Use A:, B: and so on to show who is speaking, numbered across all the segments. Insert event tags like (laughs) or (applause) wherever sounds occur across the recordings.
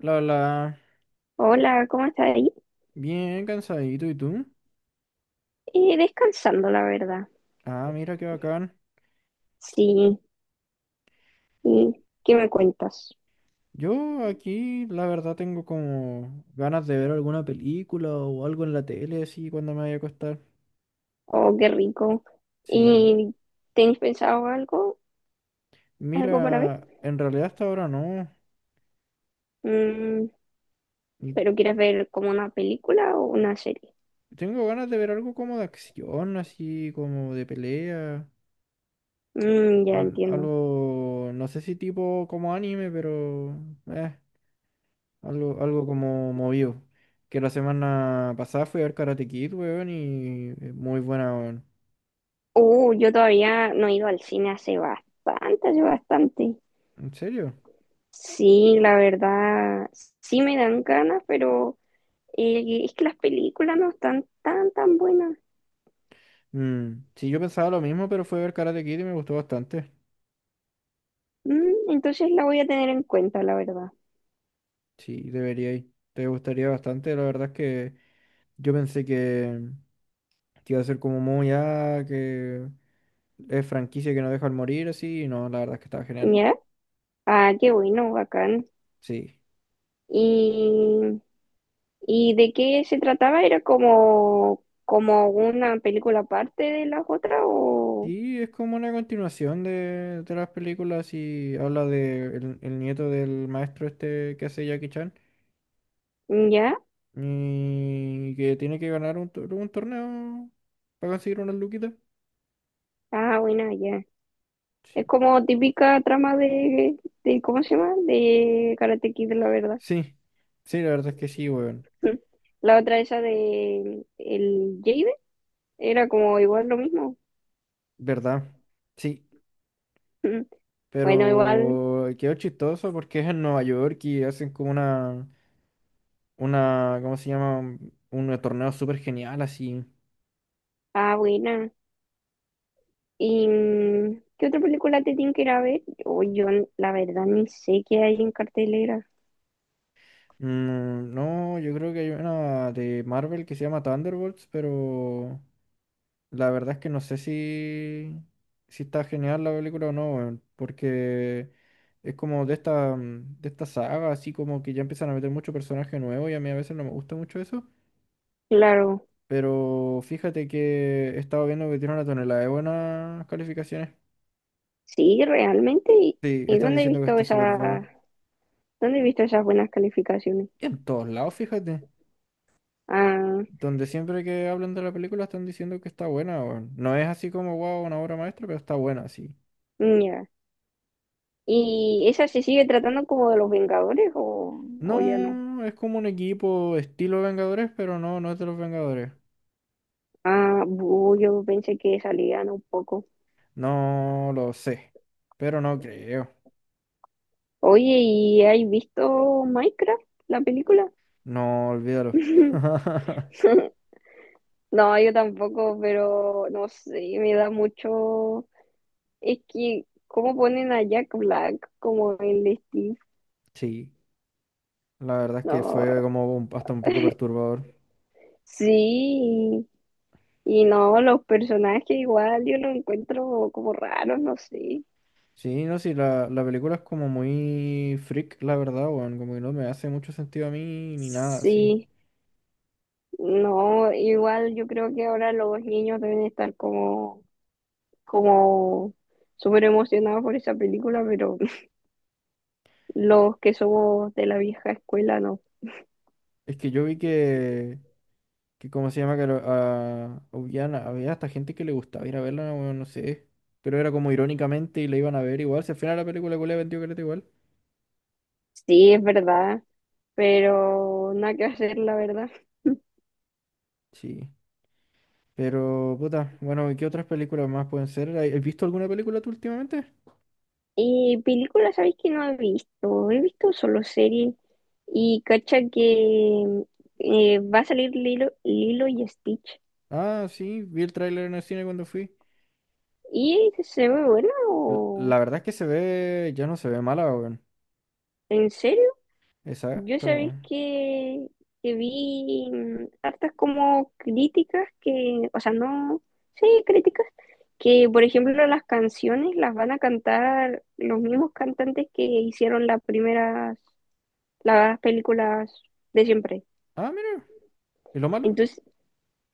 A: La, la,
B: Hola, ¿cómo estás ahí?
A: Bien cansadito, ¿y tú?
B: Descansando, la verdad.
A: Ah, mira qué bacán.
B: Sí, ¿y qué me cuentas?
A: Yo aquí, la verdad, tengo como ganas de ver alguna película o algo en la tele, así, cuando me vaya a acostar.
B: Oh, qué rico.
A: Sí.
B: ¿Y tenéis pensado algo, algo para ver?
A: Mira, en realidad hasta ahora no.
B: Mm,
A: Y
B: ¿pero quieres ver como una película o una serie?
A: tengo ganas de ver algo como de acción, así, como de pelea.
B: Mm, ya entiendo.
A: Algo, no sé si tipo como anime, pero... Eh, algo como movido. Que la semana pasada fui a ver Karate Kid, weón, y muy buena, weón.
B: Yo todavía no he ido al cine hace bastante, hace bastante.
A: ¿En serio?
B: Sí, la verdad, sí me dan ganas, pero es que las películas no están tan buenas.
A: Mm, sí, yo pensaba lo mismo, pero fue ver Karate Kid y me gustó bastante.
B: Mm, entonces la voy a tener en cuenta, la verdad.
A: Sí, debería ir. Te gustaría bastante. La verdad es que yo pensé que, que iba a ser como muy, ah, que es franquicia que no deja al morir, así. Y no, la verdad es que estaba genial.
B: Ya, ah, qué bueno, bacán.
A: Sí.
B: ¿Y, y de qué se trataba? ¿Era como, como una película aparte de las otras o
A: Y es como una continuación de las películas y habla de el nieto del maestro este que hace Jackie Chan
B: ya?
A: y que tiene que ganar un torneo para conseguir unas luquitas.
B: Ah, bueno, ya.
A: Sí.
B: Es como típica trama de ¿cómo se llama? De Karate Kid, la verdad.
A: Sí, sí, la verdad es que sí, weón.
B: Mm. La otra esa de el Jade era como igual lo mismo.
A: ¿Verdad? Sí,
B: Mm. Bueno, igual.
A: pero quedó chistoso porque es en Nueva York y hacen como ¿cómo se llama? Un torneo súper genial así.
B: Ah, buena. ¿Y mm, qué otra película te tienen que ir a ver? Yo, la verdad ni sé qué hay en cartelera.
A: Mm, no, yo creo que hay una de Marvel que se llama Thunderbolts, pero la verdad es que no sé si está genial la película o no, weón, porque es como de esta, de esta saga, así como que ya empiezan a meter mucho personaje nuevo y a mí a veces no me gusta mucho eso.
B: Claro,
A: Pero fíjate que he estado viendo que tiene una tonelada de buenas calificaciones.
B: sí, realmente.
A: Sí,
B: Y
A: están
B: dónde he
A: diciendo que
B: visto
A: está súper buena.
B: esa, dónde he visto esas buenas calificaciones?
A: Y en todos lados, fíjate.
B: Ah,
A: Donde siempre que hablan de la película están diciendo que está buena, weón. No es así como, wow, una obra maestra, pero está buena, sí.
B: ya. ¿Y esa se sigue tratando como de los Vengadores o ya no?
A: No, es como un equipo estilo Vengadores, pero no, no es de los Vengadores.
B: Ah, bu, yo pensé que salían un poco.
A: No lo sé, pero no creo.
B: Oye, ¿y has visto Minecraft, la película?
A: No, olvídalo.
B: (laughs)
A: (laughs)
B: (laughs) No, yo tampoco, pero no sé, me da mucho. Es que, ¿cómo ponen a Jack Black como el Steve?
A: Sí, la verdad es que
B: No,
A: fue como hasta un poco perturbador.
B: sí, y no, los personajes igual yo los encuentro como raros, no sé.
A: Sí, no, sí, la película es como muy freak, la verdad, weón. Como que no me hace mucho sentido a mí ni nada, sí.
B: Sí, no, igual yo creo que ahora los niños deben estar como, como súper emocionados por esa película, pero (laughs) los que somos de la vieja escuela no.
A: Es que yo vi que ¿cómo se llama? Que había hasta gente que le gustaba ir a verla, weón, no sé. Pero era como irónicamente y la iban a ver igual. Si al final la película que le vendió caleta igual.
B: Sí, es verdad, pero nada que hacer, la verdad.
A: Sí. Pero, puta, bueno, ¿y qué otras películas más pueden ser? ¿Has visto alguna película tú últimamente?
B: Y películas, ¿sabéis que no he visto? He visto solo series. Y cacha que va a salir Lilo, Lilo y Stitch.
A: Ah, sí, vi el tráiler en el cine cuando fui.
B: ¿Y se ve buena o
A: La verdad es que se ve, ya no se ve mala, weón.
B: en serio? Yo
A: Exacto,
B: sabéis
A: weón.
B: que vi mm, hartas como críticas que, o sea, no, sí, críticas, que por ejemplo las canciones las van a cantar los mismos cantantes que hicieron las primeras, las películas de siempre.
A: Ah, mira. ¿Y lo malo?
B: Entonces,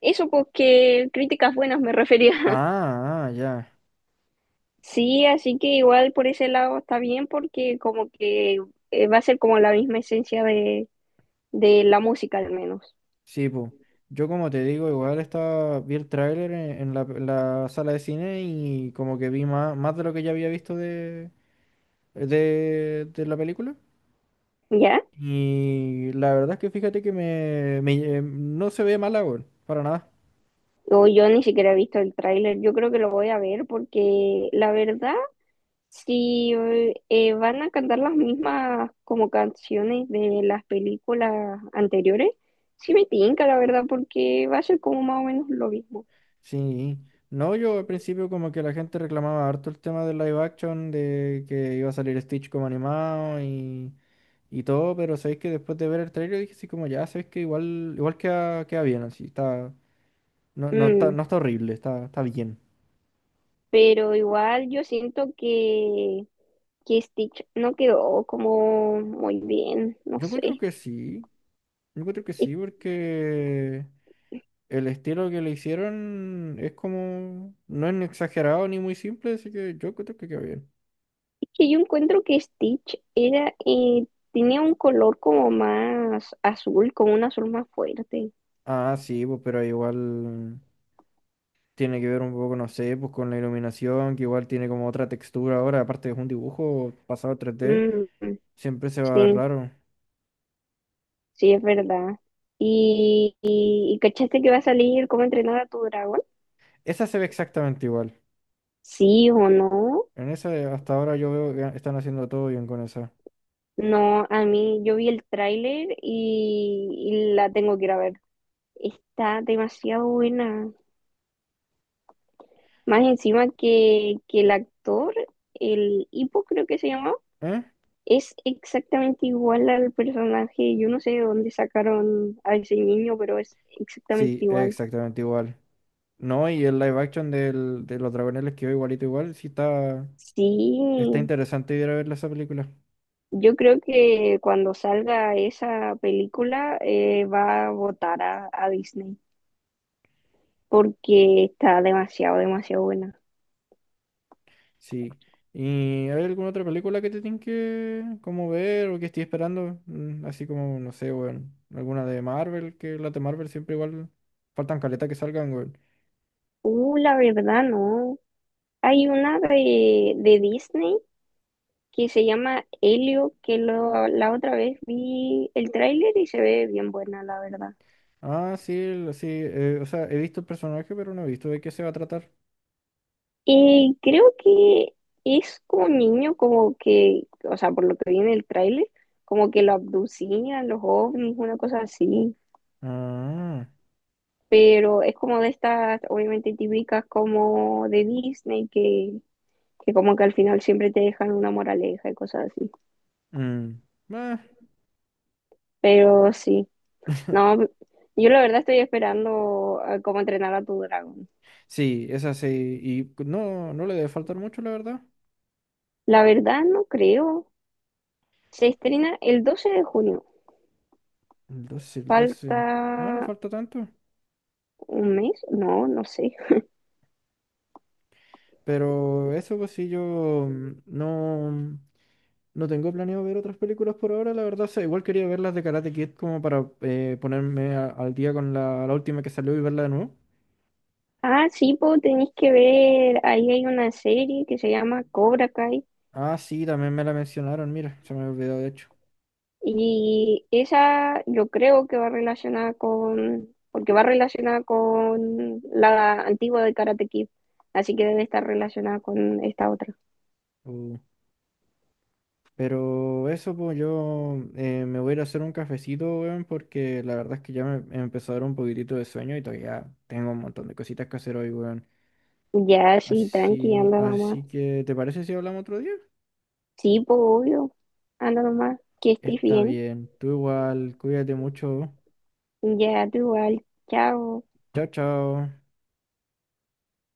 B: eso, pues que críticas buenas me refería. (laughs)
A: Ah, ah, ya.
B: Sí, así que igual por ese lado está bien porque como que va a ser como la misma esencia de la música al menos,
A: Sí, pues. Yo como te digo, igual estaba, vi el tráiler en la sala de cine y como que vi más, más de lo que ya había visto de la película.
B: ¿ya?
A: Y la verdad es que fíjate que no se ve mala, weón, para nada.
B: O yo ni siquiera he visto el tráiler, yo creo que lo voy a ver porque la verdad, si van a cantar las mismas como canciones de las películas anteriores, sí me tinca la verdad porque va a ser como más o menos lo mismo.
A: Sí. No, yo al principio como que la gente reclamaba harto el tema del live action, de que iba a salir Stitch como animado y todo, pero sabéis que después de ver el trailer dije así como ya, sabéis que igual, igual queda, queda bien, así, está, no, no está,
B: Mm,
A: no está horrible, está, está bien.
B: pero igual yo siento que Stitch no quedó como muy bien, no
A: Yo encuentro
B: sé.
A: que sí, yo encuentro que
B: Es
A: sí, porque el estilo que le hicieron es como, no es ni exagerado ni muy simple, así que yo encuentro que queda bien.
B: es que yo encuentro que Stitch era, tenía un color como más azul, como un azul más fuerte.
A: Ah, sí, pues, pero igual tiene que ver un poco, no sé, pues con la iluminación, que igual tiene como otra textura ahora, aparte es un dibujo pasado a 3D,
B: Mm,
A: siempre se va a ver
B: sí,
A: raro.
B: sí, es verdad. ¿Y, y cachaste que va a salir cómo entrenar a tu dragón?
A: Esa se ve exactamente igual.
B: Sí o no.
A: En esa, hasta ahora yo veo que están haciendo todo bien con esa.
B: No, a mí yo vi el tráiler y la tengo que ir a ver. Está demasiado buena. Más encima que el actor, el Hippo creo que se llamaba,
A: ¿Eh?
B: es exactamente igual al personaje. Yo no sé de dónde sacaron a ese niño, pero es exactamente
A: Sí,
B: igual.
A: exactamente igual. No, y el live action de los dragones les quedó igualito igual. Sí, está, está
B: Sí,
A: interesante ir a verla esa película.
B: yo creo que cuando salga esa película va a votar a Disney porque está demasiado, demasiado buena.
A: Sí. ¿Y hay alguna otra película que te tienen que como ver o que estoy esperando? Mm, así como, no sé, weón. Alguna de Marvel, que las de Marvel siempre igual faltan caleta que salgan, weón.
B: La verdad no. Hay una de Disney que se llama Helio, que lo, la otra vez vi el tráiler y se ve bien buena, la verdad.
A: Ah, sí, sí, o sea, he visto el personaje, pero no he visto de qué se va a tratar.
B: Y creo que es como un niño, como que, o sea, por lo que vi en el tráiler, como que lo abducían los ovnis, una cosa así.
A: Ah.
B: Pero es como de estas, obviamente típicas como de Disney, que como que al final siempre te dejan una moraleja y cosas así.
A: Mm. Meh.
B: Pero sí. No,
A: (laughs)
B: yo la verdad estoy esperando a cómo entrenar a tu dragón.
A: Sí, esa sí. Y no, no le debe faltar mucho, la verdad.
B: La verdad no creo. Se estrena el 12 de junio.
A: El 12. El
B: Falta
A: 12. No, no falta tanto.
B: un mes, no, no sé.
A: Pero eso, pues sí, yo no tengo planeado ver otras películas por ahora, la verdad. O sea, igual quería ver las de Karate Kid como para al día con la última que salió y verla de nuevo.
B: Ah, sí, pues tenéis que ver, ahí hay una serie que se llama Cobra Kai
A: Ah, sí, también me la mencionaron, mira, se me había olvidado de hecho.
B: y esa yo creo que va relacionada con, porque va relacionada con la antigua de Karate Kid, así que debe estar relacionada con esta otra.
A: Pero eso, pues yo me voy a ir a hacer un cafecito, weón, porque la verdad es que ya me empezó a dar un poquitito de sueño y todavía tengo un montón de cositas que hacer hoy, weón.
B: Ya, sí, tranqui,
A: Así,
B: anda mamá.
A: así que, ¿te parece si hablamos otro día?
B: Sí, pues obvio. Anda nomás, que estés
A: Está
B: bien.
A: bien, tú igual, cuídate mucho.
B: Ya tú igual. Chao.
A: Chao, chao.